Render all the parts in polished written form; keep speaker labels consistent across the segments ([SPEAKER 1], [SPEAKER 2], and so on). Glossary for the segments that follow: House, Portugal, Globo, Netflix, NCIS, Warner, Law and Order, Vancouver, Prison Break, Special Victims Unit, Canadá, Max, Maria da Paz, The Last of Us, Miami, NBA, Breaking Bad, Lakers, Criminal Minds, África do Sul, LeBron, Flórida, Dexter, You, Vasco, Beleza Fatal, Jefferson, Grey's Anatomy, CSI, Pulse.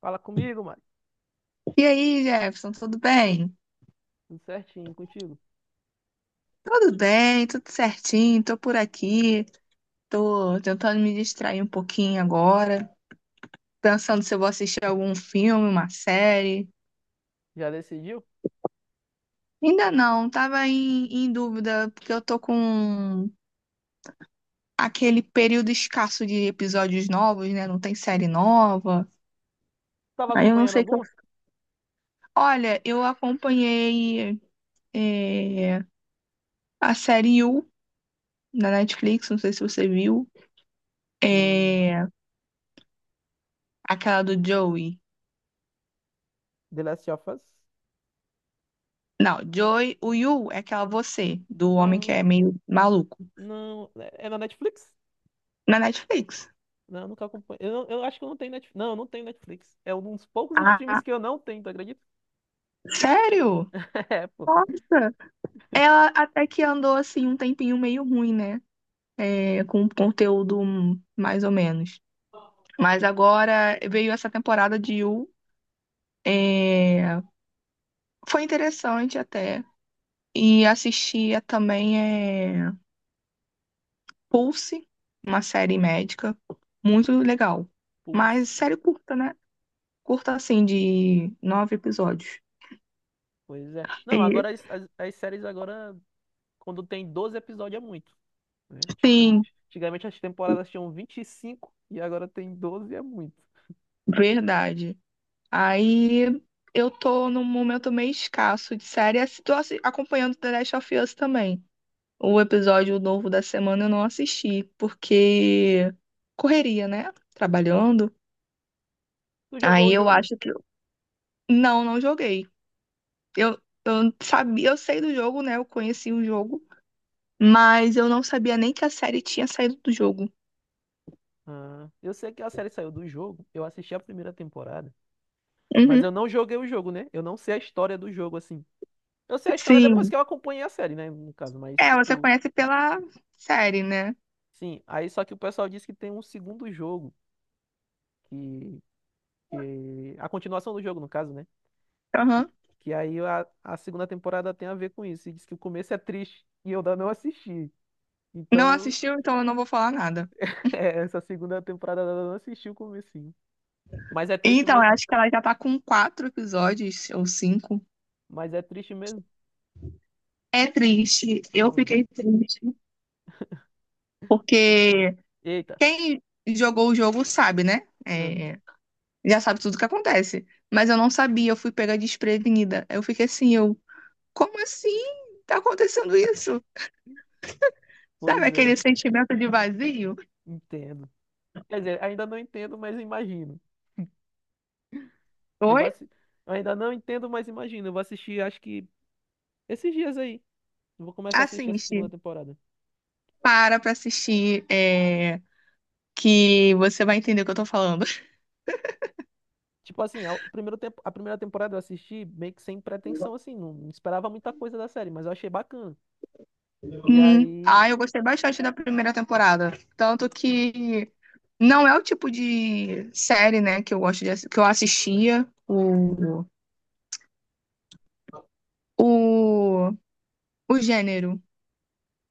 [SPEAKER 1] Fala comigo, mano.
[SPEAKER 2] E aí, Jefferson, tudo bem?
[SPEAKER 1] Tudo certinho contigo?
[SPEAKER 2] Tudo bem, tudo certinho, tô por aqui, tô tentando me distrair um pouquinho agora, pensando se eu vou assistir algum filme, uma série.
[SPEAKER 1] Já decidiu?
[SPEAKER 2] Ainda não, tava em dúvida, porque eu tô com aquele período escasso de episódios novos, né? Não tem série nova.
[SPEAKER 1] Tava
[SPEAKER 2] Aí eu não
[SPEAKER 1] acompanhando
[SPEAKER 2] sei o que eu.
[SPEAKER 1] alguma?
[SPEAKER 2] Olha, eu acompanhei eh, a série You da Netflix, não sei se você viu,
[SPEAKER 1] Hum.
[SPEAKER 2] é, aquela do Joey.
[SPEAKER 1] The Last of Us?
[SPEAKER 2] Não, Joy, o Yu é aquela você, do homem que
[SPEAKER 1] Ah,
[SPEAKER 2] é meio maluco,
[SPEAKER 1] não. É na Netflix?
[SPEAKER 2] na Netflix.
[SPEAKER 1] Não, eu nunca acompanho. Eu acho que eu não tenho Netflix. Não, eu não tenho Netflix. É um dos poucos
[SPEAKER 2] Ah,
[SPEAKER 1] streams que eu não tenho, tu acredita?
[SPEAKER 2] sério?
[SPEAKER 1] É, pô.
[SPEAKER 2] Nossa! Ela até que andou assim um tempinho meio ruim, né? É, com um conteúdo mais ou menos. Mas agora veio essa temporada de Yu. é, Foi interessante até. E assistia também é... Pulse, uma série médica. Muito legal. Mas
[SPEAKER 1] Pulse.
[SPEAKER 2] série curta, né? Curta assim, de nove episódios.
[SPEAKER 1] Pois é. Não,
[SPEAKER 2] E-
[SPEAKER 1] agora as séries agora, quando tem 12 episódios é muito, né?
[SPEAKER 2] Sim,
[SPEAKER 1] Antigamente as temporadas tinham 25 e agora tem 12 é muito.
[SPEAKER 2] verdade. Aí eu tô num momento meio escasso de série. Tô acompanhando The Last of Us também. O episódio novo da semana eu não assisti, porque correria, né? Trabalhando.
[SPEAKER 1] Tu jogou
[SPEAKER 2] Aí
[SPEAKER 1] o
[SPEAKER 2] eu
[SPEAKER 1] jogo?
[SPEAKER 2] acho que. Não, não joguei. Eu, eu sabia, eu sei do jogo, né? Eu conheci o jogo, mas eu não sabia nem que a série tinha saído do jogo.
[SPEAKER 1] Ah, eu sei que a série saiu do jogo, eu assisti a primeira temporada, mas
[SPEAKER 2] Uhum.
[SPEAKER 1] eu não joguei o jogo, né? Eu não sei a história do jogo, assim. Eu sei a história depois
[SPEAKER 2] Sim.
[SPEAKER 1] que eu acompanhei a série, né? No caso, mas
[SPEAKER 2] É, você
[SPEAKER 1] tipo,
[SPEAKER 2] conhece pela série, né?
[SPEAKER 1] sim. Aí só que o pessoal disse que tem um segundo jogo, que, a continuação do jogo, no caso, né? E-
[SPEAKER 2] Aham.
[SPEAKER 1] que aí a segunda temporada tem a ver com isso. E diz que o começo é triste e eu ainda não assisti.
[SPEAKER 2] Não
[SPEAKER 1] Então,
[SPEAKER 2] assistiu, então eu não vou falar nada.
[SPEAKER 1] é, essa segunda temporada eu ainda não assisti o comecinho. Mas é triste
[SPEAKER 2] Então, eu
[SPEAKER 1] mesmo.
[SPEAKER 2] acho que ela já tá com quatro episódios ou cinco.
[SPEAKER 1] Mas é triste mesmo.
[SPEAKER 2] É triste. Eu
[SPEAKER 1] Ah,
[SPEAKER 2] fiquei triste. Porque
[SPEAKER 1] eita.
[SPEAKER 2] quem jogou o jogo sabe, né?
[SPEAKER 1] Ah.
[SPEAKER 2] É, já sabe tudo o que acontece. Mas eu não sabia, eu fui pegar desprevenida. Eu fiquei assim, como assim? Tá acontecendo isso? Sabe
[SPEAKER 1] Pois é.
[SPEAKER 2] aquele sentimento de vazio?
[SPEAKER 1] Entendo. Quer dizer, ainda não entendo, mas imagino. Eu vou
[SPEAKER 2] Oi?
[SPEAKER 1] assi... eu ainda não entendo, mas imagino. Eu vou assistir, acho que esses dias aí. Eu vou começar a assistir essa segunda
[SPEAKER 2] Assiste.
[SPEAKER 1] temporada.
[SPEAKER 2] Para, pra assistir, é, que você vai entender o que eu tô falando.
[SPEAKER 1] Tipo assim, a primeira temporada eu assisti meio que sem pretensão, assim. Não, não esperava muita coisa da série, mas eu achei bacana. E aí.
[SPEAKER 2] Ah, eu gostei bastante da primeira temporada.
[SPEAKER 1] e-
[SPEAKER 2] Tanto que não é o tipo de série, né, que eu gosto de, que eu assistia o, o gênero,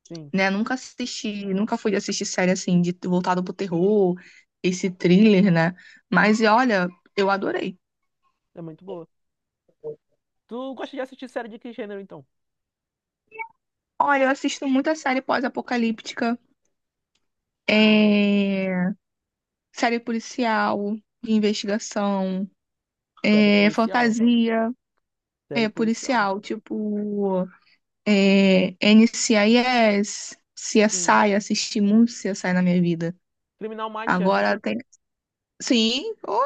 [SPEAKER 1] Sim,
[SPEAKER 2] né? Nunca assisti, nunca fui de assistir série assim, de voltado pro terror, esse thriller, né? Mas e olha, eu adorei.
[SPEAKER 1] é muito boa. Tu gosta de assistir série de que gênero, então?
[SPEAKER 2] Olha, eu assisto muita série pós-apocalíptica,
[SPEAKER 1] Sim.
[SPEAKER 2] é, série policial, de investigação,
[SPEAKER 1] Série
[SPEAKER 2] é,
[SPEAKER 1] policial.
[SPEAKER 2] fantasia,
[SPEAKER 1] Série
[SPEAKER 2] é
[SPEAKER 1] policial.
[SPEAKER 2] policial, tipo NCIS,
[SPEAKER 1] Sim.
[SPEAKER 2] CSI, assisti muito CSI na minha vida.
[SPEAKER 1] Criminal Minds, já
[SPEAKER 2] Agora
[SPEAKER 1] assistiu?
[SPEAKER 2] tem. Sim, oh,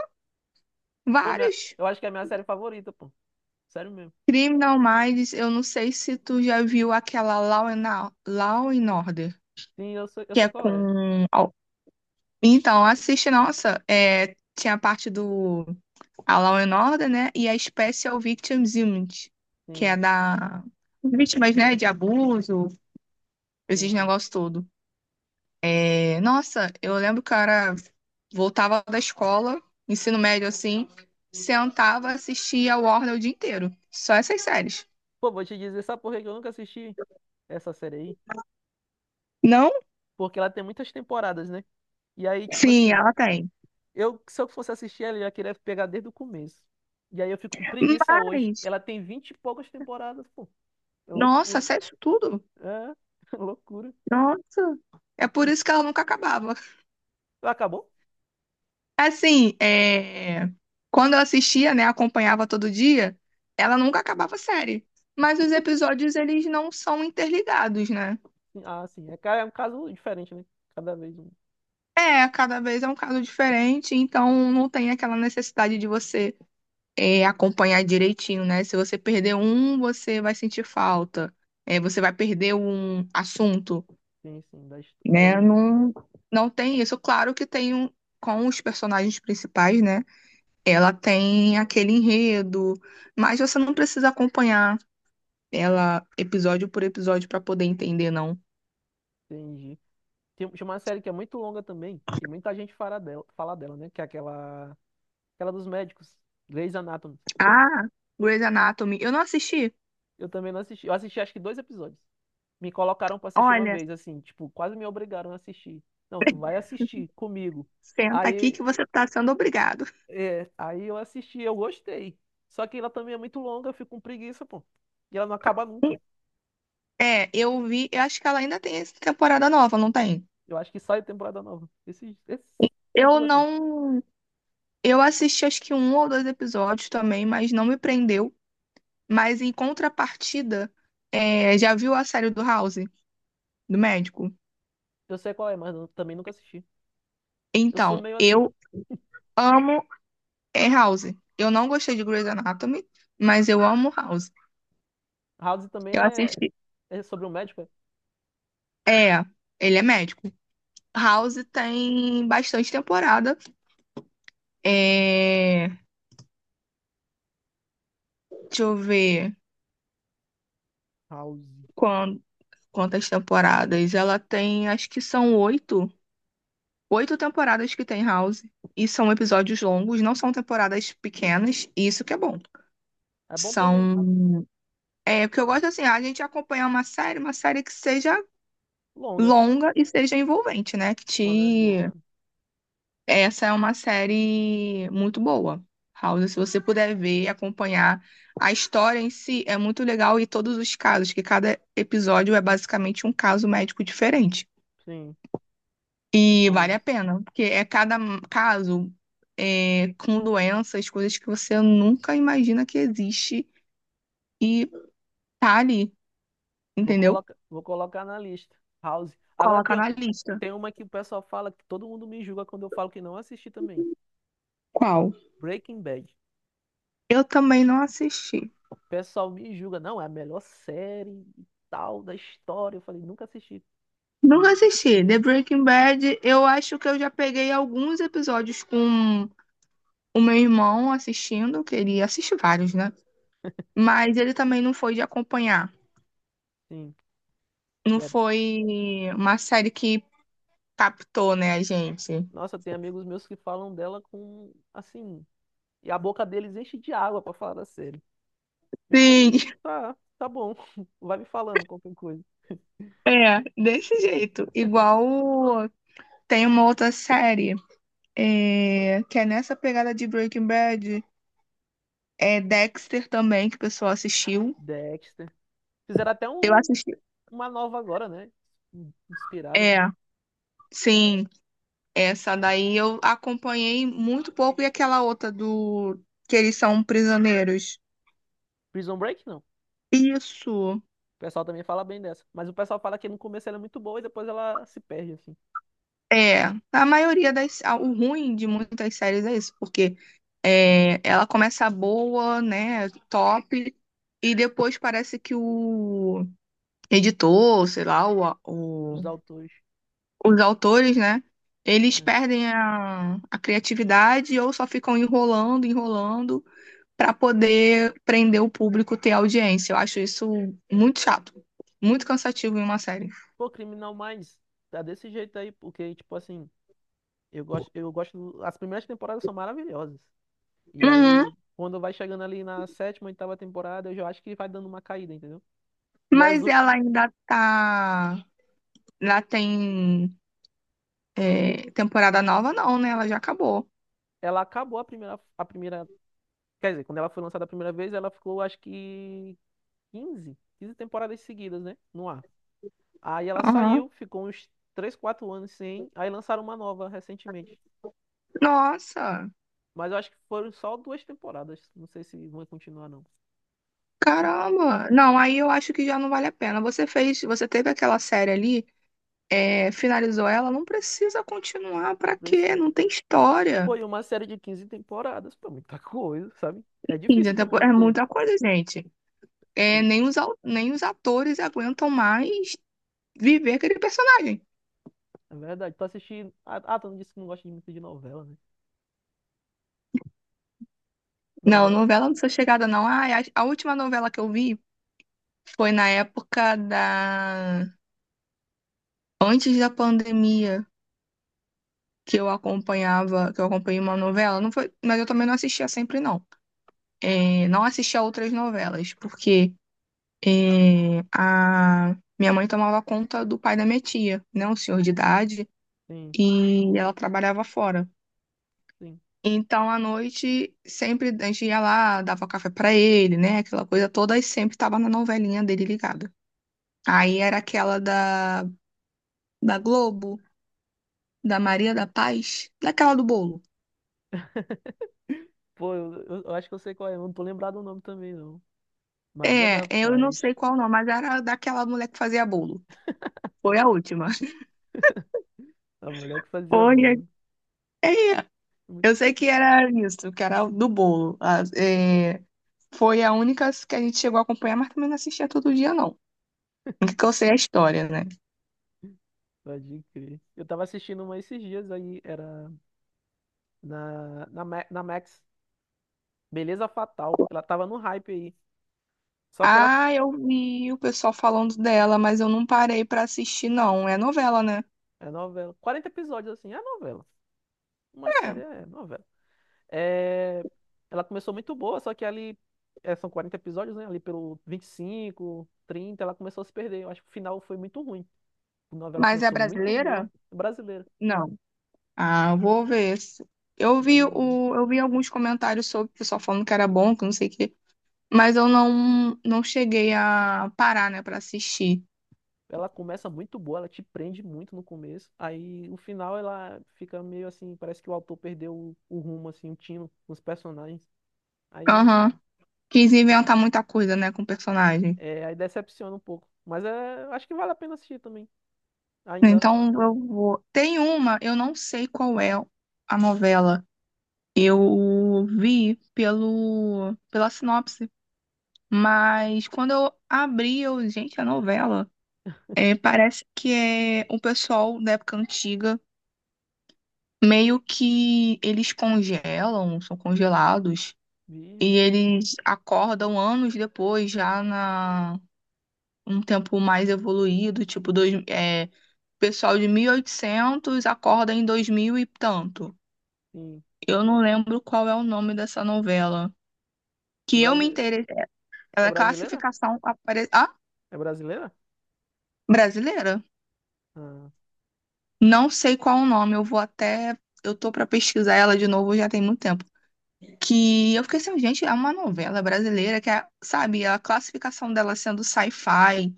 [SPEAKER 1] Pô,
[SPEAKER 2] vários.
[SPEAKER 1] eu acho que é a minha série favorita, pô. Sério mesmo.
[SPEAKER 2] Criminal Minds, eu não sei se tu já viu aquela Law and Order,
[SPEAKER 1] Sim, eu sei, eu
[SPEAKER 2] que é
[SPEAKER 1] sei qual é.
[SPEAKER 2] com. Al- Então, assiste, nossa, é, tinha a parte do a Law and Order, né? E a Special Victims Unit, que é
[SPEAKER 1] Sim.
[SPEAKER 2] da vítimas, né, de abuso,
[SPEAKER 1] Sim,
[SPEAKER 2] esses
[SPEAKER 1] sim.
[SPEAKER 2] negócios todo. É, nossa, eu lembro que eu era, voltava da escola, ensino médio assim, sentava, assistia a Warner o dia inteiro. Só essas séries.
[SPEAKER 1] Pô, vou te dizer, sabe por que que eu nunca assisti essa série aí?
[SPEAKER 2] Não?
[SPEAKER 1] Porque ela tem muitas temporadas, né? E aí, tipo
[SPEAKER 2] Sim,
[SPEAKER 1] assim,
[SPEAKER 2] ela tem.
[SPEAKER 1] se eu fosse assistir ela, eu ia querer pegar desde o começo. E aí eu fico com preguiça hoje.
[SPEAKER 2] Mas,
[SPEAKER 1] Ela tem vinte e poucas temporadas, pô. É
[SPEAKER 2] nossa,
[SPEAKER 1] loucura.
[SPEAKER 2] sério isso tudo?
[SPEAKER 1] É, loucura.
[SPEAKER 2] Nossa. É por isso que ela nunca acabava.
[SPEAKER 1] Acabou?
[SPEAKER 2] Assim, é, quando eu assistia, né, acompanhava todo dia, ela nunca acabava a série. Mas os episódios, eles não são interligados, né?
[SPEAKER 1] Sim, ah, sim. É, é um caso diferente, né? Cada vez um.
[SPEAKER 2] É, cada vez é um caso diferente, então não tem aquela necessidade de você acompanhar direitinho, né? Se você perder um, você vai sentir falta, é, você vai perder um assunto,
[SPEAKER 1] Sim, sim.
[SPEAKER 2] né?
[SPEAKER 1] Vai-
[SPEAKER 2] Não, não tem isso. Claro que tem um, com os personagens principais, né? Ela tem aquele enredo, mas você não precisa acompanhar ela episódio por episódio para poder entender, não.
[SPEAKER 1] Entendi. Tem uma série que é muito longa também, e muita gente fala dela, né? Que é aquela dos médicos, Grey's Anatomy.
[SPEAKER 2] Ah, Grey's Anatomy, eu não assisti.
[SPEAKER 1] Eu também não assisti. Eu assisti acho que dois episódios. Me colocaram pra assistir uma
[SPEAKER 2] Olha.
[SPEAKER 1] vez, assim, tipo, quase me obrigaram a assistir. Não, tu vai assistir comigo.
[SPEAKER 2] Senta aqui
[SPEAKER 1] Aí,
[SPEAKER 2] que você tá sendo obrigado.
[SPEAKER 1] aí, eu assisti, eu gostei. Só que ela também é muito longa, eu fico com preguiça, pô. E ela não acaba nunca.
[SPEAKER 2] É, eu vi, eu acho que ela ainda tem essa temporada nova, não tem?
[SPEAKER 1] Eu acho que sai temporada nova. Esses
[SPEAKER 2] Eu
[SPEAKER 1] tempos assim.
[SPEAKER 2] não. Eu assisti acho que um ou dois episódios também, mas não me prendeu. Mas em contrapartida, é, já viu a série do House, do médico?
[SPEAKER 1] Eu sei qual é, mas eu também nunca assisti. Eu sou
[SPEAKER 2] Então,
[SPEAKER 1] meio assim.
[SPEAKER 2] eu amo House. Eu não gostei de Grey's Anatomy, mas eu amo House.
[SPEAKER 1] House também
[SPEAKER 2] Eu
[SPEAKER 1] é,
[SPEAKER 2] assisti.
[SPEAKER 1] é sobre um médico, é?
[SPEAKER 2] É, ele é médico. House tem bastante temporada. É, deixa eu ver.
[SPEAKER 1] House.
[SPEAKER 2] Quan- Quantas temporadas? Ela tem, acho que são oito. Oito temporadas que tem House. E são episódios longos, não são temporadas pequenas. E isso que é bom.
[SPEAKER 1] É bom também.
[SPEAKER 2] São. É, o que eu gosto assim, a gente acompanhar uma série que seja
[SPEAKER 1] Longa,
[SPEAKER 2] longa e seja envolvente, né? Que
[SPEAKER 1] quando é boa.
[SPEAKER 2] te...
[SPEAKER 1] É.
[SPEAKER 2] Essa é uma série muito boa. House, se você puder ver, e acompanhar a história em si, é muito legal e todos os casos, que cada episódio é basicamente um caso médico diferente.
[SPEAKER 1] Sim,
[SPEAKER 2] E vale a
[SPEAKER 1] House.
[SPEAKER 2] pena, porque é cada caso com doenças, coisas que você nunca imagina que existe e tá ali,
[SPEAKER 1] Vou
[SPEAKER 2] entendeu?
[SPEAKER 1] colocar, vou colocar na lista. House. Agora
[SPEAKER 2] Coloca
[SPEAKER 1] tem,
[SPEAKER 2] na lista.
[SPEAKER 1] tem uma que o pessoal fala que todo mundo me julga quando eu falo que não assisti também.
[SPEAKER 2] Qual?
[SPEAKER 1] Breaking Bad.
[SPEAKER 2] Eu também não assisti.
[SPEAKER 1] O pessoal me julga, não, é a melhor série e tal da história. Eu falei, nunca assisti.
[SPEAKER 2] Nunca
[SPEAKER 1] Uhum.
[SPEAKER 2] assisti. The Breaking Bad, eu acho que eu já peguei alguns episódios com o meu irmão assistindo, que ele assiste vários, né? Mas ele também não foi de acompanhar.
[SPEAKER 1] Sim.
[SPEAKER 2] Não
[SPEAKER 1] É.
[SPEAKER 2] foi uma série que captou, né, a gente?
[SPEAKER 1] Nossa, tem amigos meus que falam dela com, assim, e a boca deles enche de água pra falar da série. Eu falei,
[SPEAKER 2] Sim.
[SPEAKER 1] tá, tá bom. Vai me falando qualquer coisa.
[SPEAKER 2] É, desse jeito. Igual tem uma outra série que é nessa pegada de Breaking Bad. É Dexter também, que o pessoal assistiu.
[SPEAKER 1] Dexter. Fizeram até
[SPEAKER 2] Eu assisti.
[SPEAKER 1] uma nova agora, né? Inspirada.
[SPEAKER 2] É, sim. Essa daí eu acompanhei muito pouco. E aquela outra do que eles são prisioneiros.
[SPEAKER 1] Prison Break, não.
[SPEAKER 2] Isso.
[SPEAKER 1] O pessoal também fala bem dessa. Mas o pessoal fala que no começo ela é muito boa e depois ela se perde, assim,
[SPEAKER 2] É, a maioria das. Ah, o ruim de muitas séries é isso, porque é, ela começa boa, né? Top, e depois parece que o editor, sei lá,
[SPEAKER 1] os autores.
[SPEAKER 2] os autores, né? Eles
[SPEAKER 1] É.
[SPEAKER 2] perdem a criatividade ou só ficam enrolando, enrolando para poder prender o público, ter audiência. Eu acho isso muito chato, muito cansativo em uma série.
[SPEAKER 1] Pô, Criminal Minds, tá desse jeito aí, porque, tipo assim, eu gosto, eu gosto. As primeiras temporadas são maravilhosas. E
[SPEAKER 2] Uhum.
[SPEAKER 1] aí, quando vai chegando ali na sétima, oitava temporada, eu já acho que vai dando uma caída, entendeu? E as
[SPEAKER 2] Mas
[SPEAKER 1] últimas.
[SPEAKER 2] ela ainda tá. lá tem temporada nova, não, né? Ela já acabou.
[SPEAKER 1] Ela acabou a primeira. Quer dizer, quando ela foi lançada a primeira vez, ela ficou, acho que quinze temporadas seguidas, né? No ar. Aí ela
[SPEAKER 2] Aham.
[SPEAKER 1] saiu, ficou uns 3, 4 anos sem. Aí lançaram uma nova recentemente.
[SPEAKER 2] Nossa,
[SPEAKER 1] Mas eu acho que foram só duas temporadas. Não sei se vão continuar, não.
[SPEAKER 2] caramba. Não, aí eu acho que já não vale a pena. Você fez, você teve aquela série ali. Finalizou ela, não precisa continuar,
[SPEAKER 1] Não
[SPEAKER 2] pra quê?
[SPEAKER 1] precisa.
[SPEAKER 2] Não tem história.
[SPEAKER 1] Foi uma série de 15 temporadas, pô, muita coisa, sabe? É
[SPEAKER 2] 15
[SPEAKER 1] difícil tu
[SPEAKER 2] temporadas é
[SPEAKER 1] manter.
[SPEAKER 2] muita coisa, gente.
[SPEAKER 1] É,
[SPEAKER 2] É, nem os atores aguentam mais viver aquele personagem.
[SPEAKER 1] é verdade. Tu assistindo. Ah, tu não disse que não gosta de muito de novela, né?
[SPEAKER 2] Não,
[SPEAKER 1] Novela.
[SPEAKER 2] novela não sou chegada, não. Ah, a última novela que eu vi foi na época da... Antes da pandemia, que eu acompanhava, que eu acompanhei uma novela. Não foi, mas eu também não assistia sempre, não. É, não assistia outras novelas, porque... É, a minha mãe tomava conta do pai da minha tia, né, um senhor de idade,
[SPEAKER 1] Sim,
[SPEAKER 2] e ela trabalhava fora.
[SPEAKER 1] sim.
[SPEAKER 2] Então, à noite, sempre a gente ia lá, dava café pra ele, né, aquela coisa toda, e sempre tava na novelinha dele ligada. Aí era aquela da Globo, da Maria da Paz, daquela do bolo.
[SPEAKER 1] Pô, eu acho que eu sei qual é. Eu não tô lembrado o nome também, não. Maria
[SPEAKER 2] É,
[SPEAKER 1] da
[SPEAKER 2] eu não
[SPEAKER 1] Paz.
[SPEAKER 2] sei qual não, mas era daquela mulher que fazia bolo. Foi a última.
[SPEAKER 1] A mulher que fazia
[SPEAKER 2] Foi.
[SPEAKER 1] bullying.
[SPEAKER 2] É,
[SPEAKER 1] Muito
[SPEAKER 2] eu sei
[SPEAKER 1] bom.
[SPEAKER 2] que era isso, que era do bolo. Ah, é, foi a única que a gente chegou a acompanhar, mas também não assistia todo dia, não. O que que eu sei é a história, né?
[SPEAKER 1] Pode crer. Eu tava assistindo uma esses dias aí. Era. Na Max. Beleza Fatal. Ela tava no hype aí. Só que ela.
[SPEAKER 2] Ah, eu vi o pessoal falando dela, mas eu não parei pra assistir, não. É novela, né?
[SPEAKER 1] É novela. 40 episódios, assim. É novela. Uma série
[SPEAKER 2] É.
[SPEAKER 1] é novela. É... Ela começou muito boa, só que ali. É, são 40 episódios, né? Ali pelo 25, 30 ela começou a se perder. Eu acho que o final foi muito ruim. A novela
[SPEAKER 2] Mas é
[SPEAKER 1] começou muito boa.
[SPEAKER 2] brasileira?
[SPEAKER 1] Brasileira.
[SPEAKER 2] Não. Ah, eu vou ver. Eu vi
[SPEAKER 1] Brasileira.
[SPEAKER 2] o, eu vi alguns comentários sobre o pessoal falando que era bom, que não sei o quê, mas eu não cheguei a parar, né, pra assistir.
[SPEAKER 1] Ela começa muito boa, ela te prende muito no começo. Aí o final ela fica meio assim. Parece que o autor perdeu o rumo, assim, o tino, os personagens. Aí
[SPEAKER 2] Aham. Quis inventar muita coisa, né, com personagens.
[SPEAKER 1] aí, decepciona um pouco. Mas é, acho que vale a pena assistir também. Ainda. Ah,
[SPEAKER 2] Então eu vou. Tem uma, eu não sei qual é a novela. Eu vi pelo pela sinopse, mas quando eu abri, eu, gente, a novela, é, parece que é o pessoal da época antiga, meio que eles congelam, são congelados e
[SPEAKER 1] vi,
[SPEAKER 2] eles acordam anos depois, já na um tempo mais evoluído, tipo dois, é, pessoal de 1800 acorda em 2000 e tanto.
[SPEAKER 1] sim.
[SPEAKER 2] Eu não lembro qual é o nome dessa novela.
[SPEAKER 1] É,
[SPEAKER 2] Que eu me interessei. Ela
[SPEAKER 1] é
[SPEAKER 2] é
[SPEAKER 1] brasileira?
[SPEAKER 2] classificação apare... ah,
[SPEAKER 1] É brasileira?
[SPEAKER 2] brasileira?
[SPEAKER 1] Ah,
[SPEAKER 2] Não sei qual o nome, eu vou até. Eu tô pra pesquisar ela de novo, já tem muito tempo. Que eu fiquei assim, gente, é uma novela brasileira que é, sabe, a classificação dela sendo sci-fi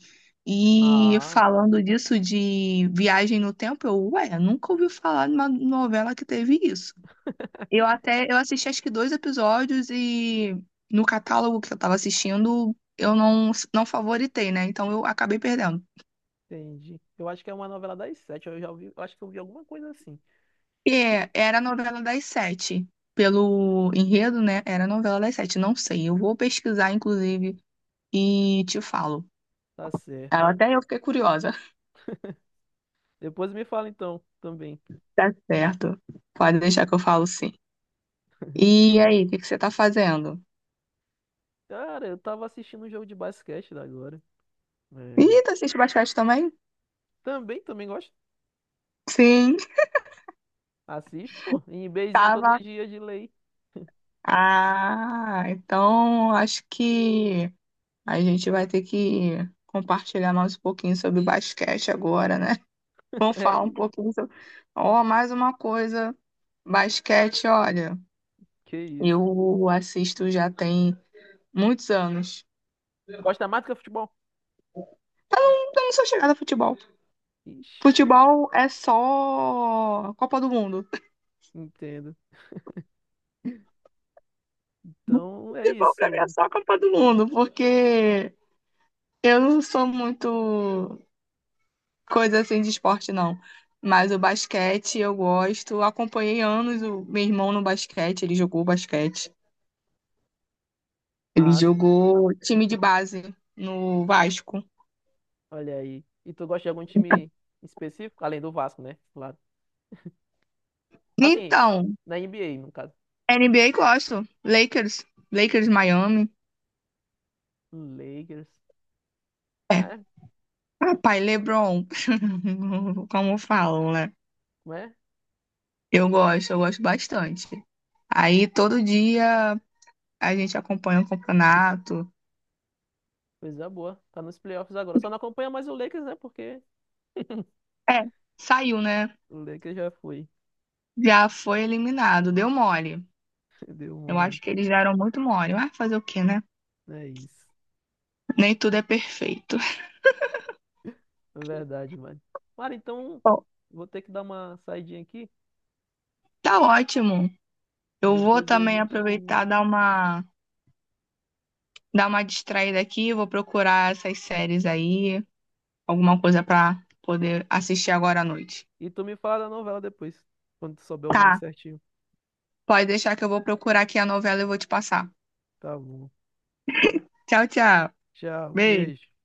[SPEAKER 2] e
[SPEAKER 1] ah,
[SPEAKER 2] falando disso de viagem no tempo, eu, ué, nunca ouvi falar de uma novela que teve isso. Eu até eu assisti acho que dois episódios e no catálogo que eu tava assistindo, eu não favoritei, né? Então eu acabei perdendo.
[SPEAKER 1] entendi. Eu acho que é uma novela das sete. Eu já vi, eu acho que eu vi alguma coisa assim. De-
[SPEAKER 2] É, era a novela das sete. Pelo enredo, né? Era a novela das sete. Não sei. Eu vou pesquisar, inclusive, e te falo.
[SPEAKER 1] Tá certo.
[SPEAKER 2] Ah, até eu fiquei curiosa.
[SPEAKER 1] Depois me fala então também.
[SPEAKER 2] Tá certo. Pode deixar que eu falo sim. E aí, o que que você tá fazendo?
[SPEAKER 1] Cara, eu tava assistindo um jogo de basquete da agora. É,
[SPEAKER 2] Ih, tu assiste basquete também?
[SPEAKER 1] também gosto.
[SPEAKER 2] Sim,
[SPEAKER 1] Assisto, pô. Em beizinha todo
[SPEAKER 2] tava.
[SPEAKER 1] dia de lei.
[SPEAKER 2] Ah, então acho que. A gente vai ter que compartilhar mais um pouquinho sobre basquete agora, né? Vamos falar um
[SPEAKER 1] É,
[SPEAKER 2] pouquinho sobre. Ó, mais uma coisa, basquete, olha,
[SPEAKER 1] que isso.
[SPEAKER 2] eu assisto já tem muitos anos.
[SPEAKER 1] Gosta mais do que futebol?
[SPEAKER 2] Eu não sou chegada a futebol.
[SPEAKER 1] Ixi,
[SPEAKER 2] Futebol é só Copa do Mundo.
[SPEAKER 1] entendo. Então é
[SPEAKER 2] Futebol pra mim é
[SPEAKER 1] isso.
[SPEAKER 2] só Copa do Mundo, porque eu não sou muito coisa assim de esporte, não. Mas o basquete eu gosto. Acompanhei anos o meu irmão no basquete. Ele
[SPEAKER 1] Ah, sim.
[SPEAKER 2] jogou time de base no Vasco.
[SPEAKER 1] Olha aí. E tu gosta de algum time específico? Além do Vasco, né? Claro. Assim,
[SPEAKER 2] Então,
[SPEAKER 1] na NBA, no caso.
[SPEAKER 2] NBA gosto. Lakers, Lakers Miami.
[SPEAKER 1] Lakers.
[SPEAKER 2] É.
[SPEAKER 1] É,
[SPEAKER 2] Papai LeBron, como falam, né?
[SPEAKER 1] não é?
[SPEAKER 2] Eu gosto bastante. Aí todo dia a gente acompanha o campeonato.
[SPEAKER 1] Coisa boa. Tá nos playoffs agora. Só não acompanha mais o Lakers, né? Porque
[SPEAKER 2] É, saiu, né?
[SPEAKER 1] o Lakers já foi.
[SPEAKER 2] Já foi eliminado, deu mole.
[SPEAKER 1] Deu
[SPEAKER 2] Eu
[SPEAKER 1] mole.
[SPEAKER 2] acho que eles deram muito mole. Vai fazer o quê, né?
[SPEAKER 1] É isso.
[SPEAKER 2] Nem tudo é perfeito.
[SPEAKER 1] É verdade, mano. Mano, então
[SPEAKER 2] Bom,
[SPEAKER 1] vou ter que dar uma saidinha aqui.
[SPEAKER 2] tá ótimo.
[SPEAKER 1] E
[SPEAKER 2] Eu vou
[SPEAKER 1] depois a
[SPEAKER 2] também
[SPEAKER 1] gente.
[SPEAKER 2] aproveitar dar uma distraída aqui, vou procurar essas séries aí, alguma coisa pra poder assistir agora à noite.
[SPEAKER 1] E tu me fala da novela depois. Quando tu souber o nome
[SPEAKER 2] Tá,
[SPEAKER 1] certinho.
[SPEAKER 2] pode deixar que eu vou procurar aqui a novela e vou te passar.
[SPEAKER 1] Tá bom.
[SPEAKER 2] Tchau, tchau.
[SPEAKER 1] Tchau.
[SPEAKER 2] Beijo.
[SPEAKER 1] Beijo.